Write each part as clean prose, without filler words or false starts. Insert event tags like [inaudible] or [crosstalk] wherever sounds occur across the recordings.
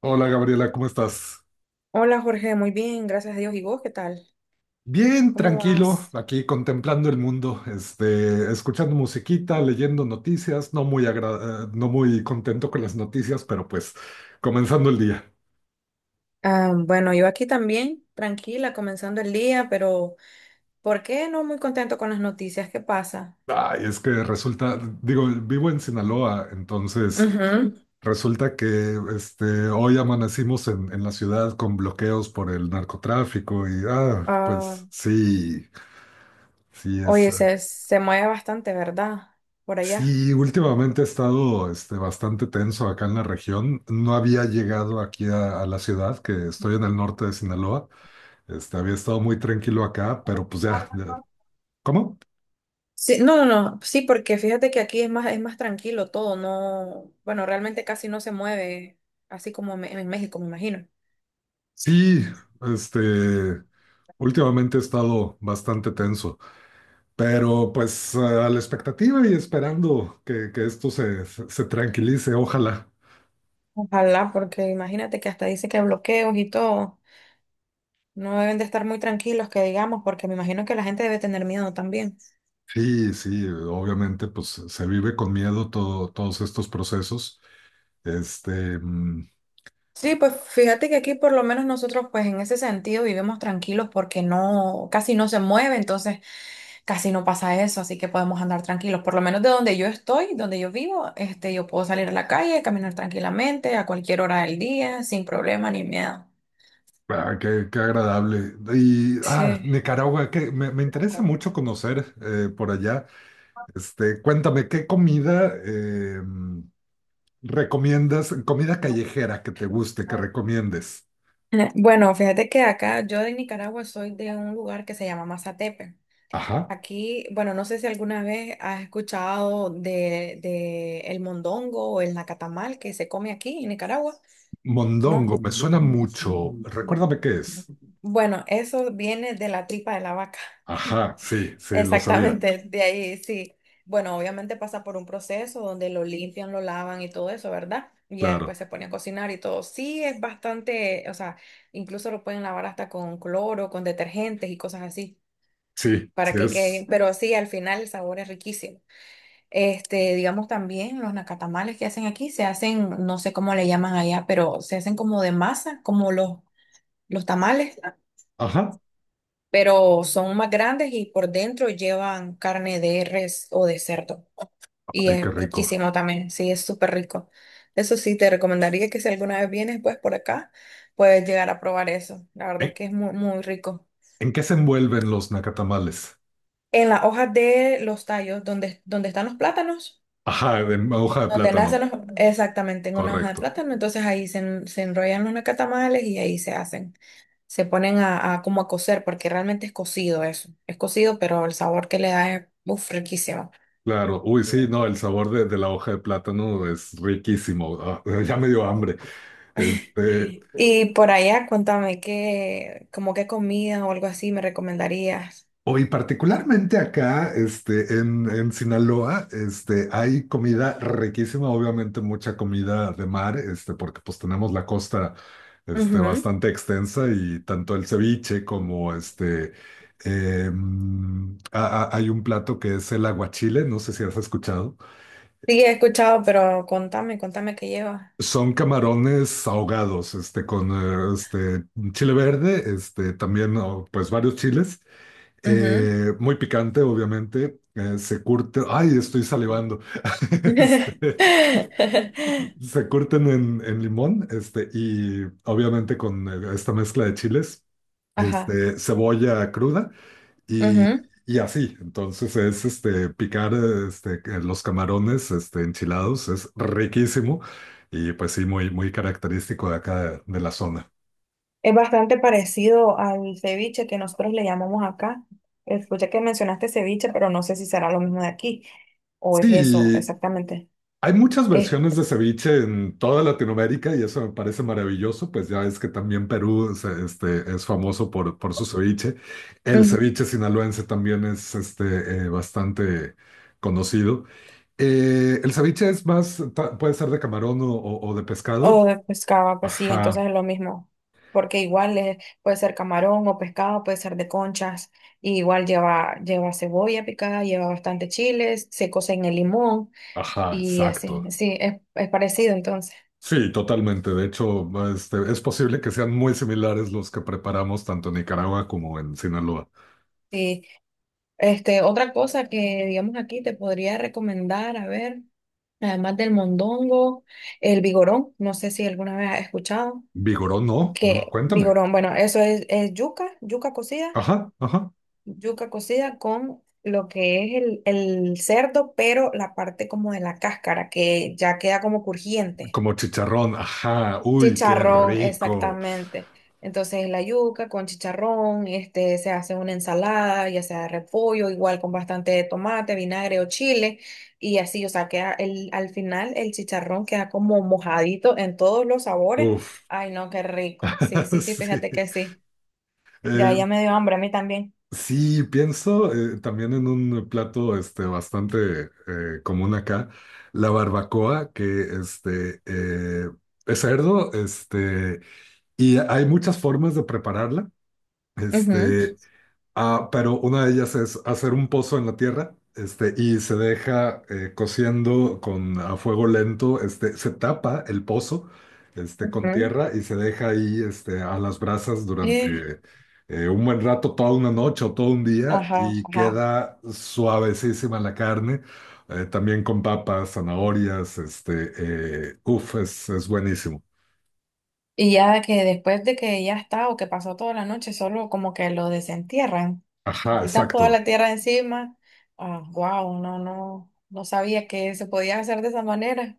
Hola Gabriela, ¿cómo estás? Hola Jorge, muy bien, gracias a Dios. ¿Y vos qué tal? Bien, ¿Cómo tranquilo, vas? aquí contemplando el mundo, escuchando musiquita, leyendo noticias, no muy contento con las noticias, pero pues comenzando el día. Ah, bueno, yo aquí también, tranquila, comenzando el día, pero ¿por qué no muy contento con las noticias? ¿Qué pasa? Ay, es que resulta, digo, vivo en Sinaloa, entonces Ujú. resulta que hoy amanecimos en la ciudad con bloqueos por el narcotráfico y ah, Ah, pues sí, sí es. oye, se mueve bastante, ¿verdad? Por allá. Sí, últimamente he estado bastante tenso acá en la región. No había llegado aquí a la ciudad, que estoy en el norte de Sinaloa. Había estado muy tranquilo acá, pero pues ¿Cómo? Sí, no, no, no, sí, porque fíjate que aquí es más tranquilo todo, no, bueno, realmente casi no se mueve, así como en México, me imagino. Sí, este, últimamente he estado bastante tenso, pero pues a la expectativa y esperando que esto se tranquilice, ojalá. Ojalá, porque imagínate que hasta dice que bloqueos y todo. No deben de estar muy tranquilos, que digamos, porque me imagino que la gente debe tener miedo también. Sí, sí, obviamente pues se vive con miedo todo, todos estos procesos. Este, mm, Sí, pues fíjate que aquí por lo menos nosotros pues en ese sentido vivimos tranquilos porque no, casi no se mueve, entonces casi no pasa eso, así que podemos andar tranquilos. Por lo menos de donde yo estoy, donde yo vivo, yo puedo salir a la calle, caminar tranquilamente a cualquier hora del día, sin problema ni miedo. Ah, qué, qué agradable. Y ah, Sí. Nicaragua, que me interesa mucho conocer por allá. Cuéntame, ¿qué comida recomiendas? Comida callejera que te guste, que [laughs] recomiendes. Bueno, fíjate que acá yo de Nicaragua soy de un lugar que se llama Mazatepe. Ajá. Aquí, bueno, no sé si alguna vez has escuchado de el mondongo o el nacatamal que se come aquí en Nicaragua. No. Mondongo, me suena mucho. Recuérdame qué es. Bueno, eso viene de la tripa de la vaca. Ajá, sí, [laughs] sí, lo sabía. Exactamente, de ahí sí. Bueno, obviamente pasa por un proceso donde lo limpian, lo lavan y todo eso, ¿verdad? Y ya Claro. después se pone a cocinar y todo. Sí, es bastante, o sea, incluso lo pueden lavar hasta con cloro, con detergentes y cosas así, Sí, para sí que quede bien. es. Pero sí, al final el sabor es riquísimo. Este, digamos también los nacatamales que hacen aquí se hacen, no sé cómo le llaman allá, pero se hacen como de masa, como los tamales, Ajá. pero son más grandes y por dentro llevan carne de res o de cerdo. Y Ay, es qué rico. riquísimo también, sí, es súper rico. Eso sí, te recomendaría que si alguna vez vienes pues por acá, puedes llegar a probar eso. La verdad es ¿En, que es muy, muy rico. en qué se envuelven los nacatamales? En las hojas de los tallos, donde están los plátanos. Ajá, en hoja de Donde nacen plátano. los, exactamente, en una hoja de Correcto. plátano, entonces ahí se enrollan los nacatamales y ahí se hacen, se ponen a como a cocer, porque realmente es cocido eso, es cocido, pero el sabor que le da es uf, riquísimo. Claro, uy, sí, no, el sabor de la hoja de plátano es riquísimo. Ah, [laughs] ya me dio hambre. Este, Y por allá, cuéntame qué, como qué comida o algo así me recomendarías. Hoy particularmente acá, en Sinaloa, hay comida riquísima, obviamente mucha comida de mar, porque pues tenemos la costa, Ujú. bastante extensa y tanto el ceviche como hay un plato que es el aguachile, no sé si has escuchado. Sí, he escuchado, pero contame, contame qué lleva. Son camarones ahogados, con chile verde, también, oh, pues varios chiles, Ujú. Muy picante, obviamente, se curte, ay, estoy salivando. [laughs] Este, [laughs] Se curten en limón, y obviamente con esta mezcla de chiles, Ajá. Cebolla cruda, y, y así, entonces es este picar los camarones enchilados, es riquísimo y pues sí, muy, muy característico de acá de la zona. Es bastante parecido al ceviche que nosotros le llamamos acá. Escuché que mencionaste ceviche, pero no sé si será lo mismo de aquí o es eso Sí, exactamente. hay muchas Es, versiones de ceviche en toda Latinoamérica y eso me parece maravilloso, pues ya es que también Perú es famoso por su ceviche. El ujú, ceviche sinaloense también es bastante conocido. El ceviche es más, puede ser de camarón o de o pescado. de pescado, pues sí, Ajá, entonces es lo mismo. Porque igual puede ser camarón o pescado, puede ser de conchas. Y igual lleva, lleva cebolla picada, lleva bastante chiles, se cose en el limón ajá, y así. exacto. Sí, es parecido entonces. Sí, totalmente. De hecho, es posible que sean muy similares los que preparamos tanto en Nicaragua como en Sinaloa. Sí. Este, otra cosa que digamos aquí te podría recomendar, a ver. Además del mondongo, el vigorón, no sé si alguna vez has escuchado, Vigorón, no, no, que cuéntame. vigorón, bueno, eso es yuca, Ajá, ajá. yuca cocida con lo que es el cerdo, pero la parte como de la cáscara, que ya queda como crujiente. Como chicharrón, ajá. Uy, qué Chicharrón, rico. exactamente. Entonces la yuca con chicharrón, se hace una ensalada, ya sea de repollo, igual con bastante tomate, vinagre o chile, y así, o sea, queda el, al final el chicharrón queda como mojadito en todos los sabores. Uf. Ay, no, qué rico. Sí, [laughs] sí, sí, Sí. fíjate que sí. Ya, Eh, ya me dio hambre a mí también. sí, pienso también en un plato bastante común acá, la barbacoa, que este, eh, es cerdo. Y hay muchas formas de prepararla, Ujú. este, pero una de ellas es hacer un pozo en la tierra, y se deja cociendo con a fuego lento, se tapa el pozo, con Ujú. tierra y se deja ahí, a las brasas Eh, durante un buen rato, toda una noche o todo un día, ajá, y ajá. queda suavecísima la carne, también con papas, zanahorias, uf, es buenísimo. Y ya que después de que ya está o que pasó toda la noche, solo como que lo desentierran, Ajá, quitan toda exacto. la tierra de encima. Ah, wow, no, no, no sabía que se podía hacer de esa manera.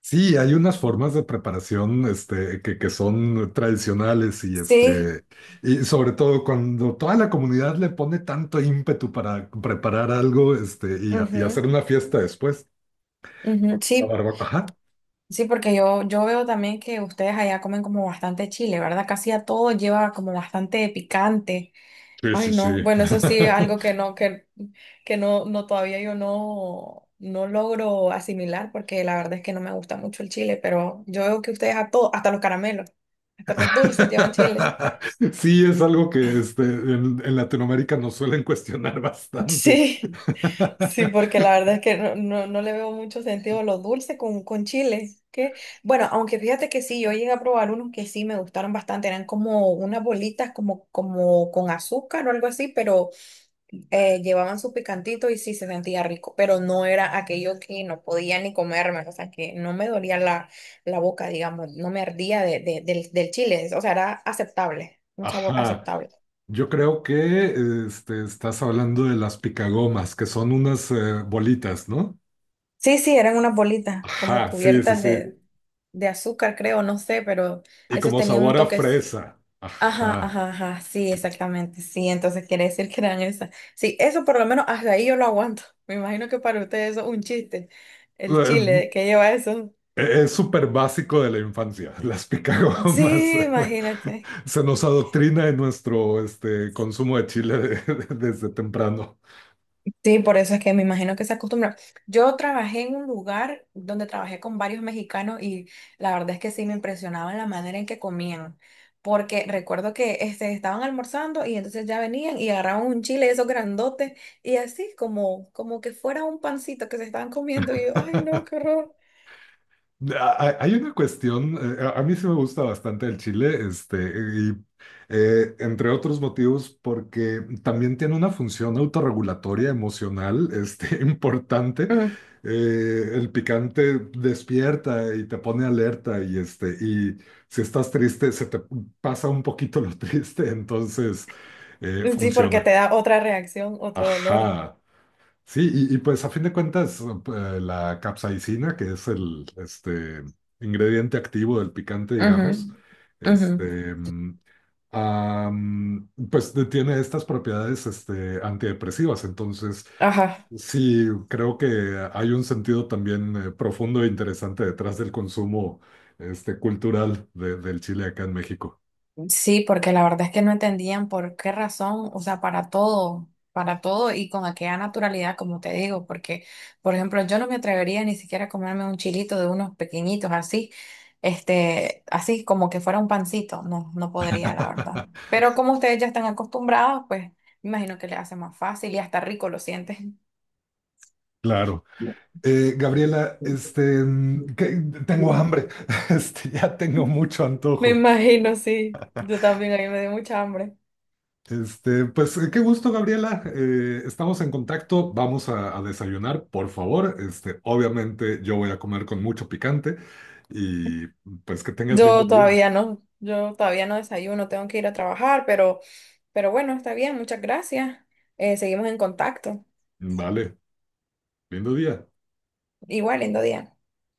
Sí, hay unas formas de preparación que son tradicionales y, Sí, y sobre todo cuando toda la comunidad le pone tanto ímpetu para preparar algo y, y ujú, hacer una fiesta después. ujú, La sí, barbacoa. Ajá. sí, porque yo veo también que ustedes allá comen como bastante chile, ¿verdad? Casi a todo lleva como bastante picante. Sí, Ay, sí, no. sí. Bueno, eso sí es algo que no, no, todavía yo no, no logro asimilar porque la verdad es que no me gusta mucho el chile, pero yo veo que ustedes a todos, hasta los caramelos, hasta los dulces llevan chile. [laughs] [laughs] Sí, es algo que en Latinoamérica nos suelen cuestionar bastante. Sí, sí, porque [laughs] la verdad es que no, no, no le veo mucho sentido a los dulces con chile. Que, bueno, aunque fíjate que sí, yo llegué a probar unos que sí me gustaron bastante, eran como unas bolitas como, como con azúcar o algo así, pero llevaban su picantito y sí se sentía rico, pero no era aquello que no podía ni comerme, o sea, que no me dolía la, la boca, digamos, no me ardía del chile, o sea, era aceptable, un sabor Ajá. aceptable. Yo creo que estás hablando de las picagomas, que son unas bolitas, ¿no? Sí, sí, eran unas bolitas como Ajá, sí, sí, cubiertas sí. De azúcar, creo, no sé, pero Y esos como tenían un sabor a toque. fresa. Ajá, Ajá. ajá, ajá, sí, exactamente, sí, entonces quiere decir que eran esas. Sí, eso por lo menos hasta ahí yo lo aguanto. [laughs] Me imagino que para ustedes eso es un chiste, ¿el Eh, chile, que lleva eso? Es súper básico de la infancia. Las picagomas. Sí, imagínate. [laughs] Se nos adoctrina en nuestro consumo de chile [laughs] desde temprano. Sí, por eso es que me imagino que se acostumbra. Yo trabajé en un lugar donde trabajé con varios mexicanos y la verdad es que sí me impresionaba la manera en que comían, porque recuerdo que estaban almorzando y entonces ya venían y agarraban un chile, esos grandotes, y así como, como que fuera un pancito que se estaban comiendo y yo, ay no, qué horror. Ah, hay una cuestión, a mí sí me gusta bastante el chile, y entre otros motivos, porque también tiene una función autorregulatoria emocional, [laughs] importante. Mm. El picante despierta y te pone alerta y y si estás triste, se te pasa un poquito lo [laughs] triste, entonces Sí, porque te funciona. da otra reacción, otro dolor. Ajá. Sí, y pues a fin de cuentas, la capsaicina, que es el ingrediente activo del picante, Ujú, digamos, ujú. este, mm, tiene estas propiedades antidepresivas. Entonces, Ajá. sí, creo que hay un sentido también profundo e interesante detrás del consumo cultural del chile acá en México. Sí, porque la verdad es que no entendían por qué razón, o sea, para todo y con aquella naturalidad, como te digo, porque, por ejemplo, yo no me atrevería ni siquiera a comerme un chilito de unos pequeñitos así, así como que fuera un pancito, no, no podría, la verdad. [laughs] Pero como ustedes ya están acostumbrados, pues me imagino que les hace más fácil y hasta rico lo sienten. Claro. Gabriela, tengo hambre, [laughs] ya tengo mucho [laughs] Me antojo. imagino, sí. Yo también, a mí me dio mucha hambre. Qué gusto, Gabriela. Estamos en contacto, vamos a desayunar, por favor. Obviamente yo voy a comer con mucho picante y pues que tengas lindo día. Yo todavía no desayuno, tengo que ir a trabajar, pero bueno, está bien, muchas gracias. Seguimos en contacto. Vale, lindo día. Igual, lindo día.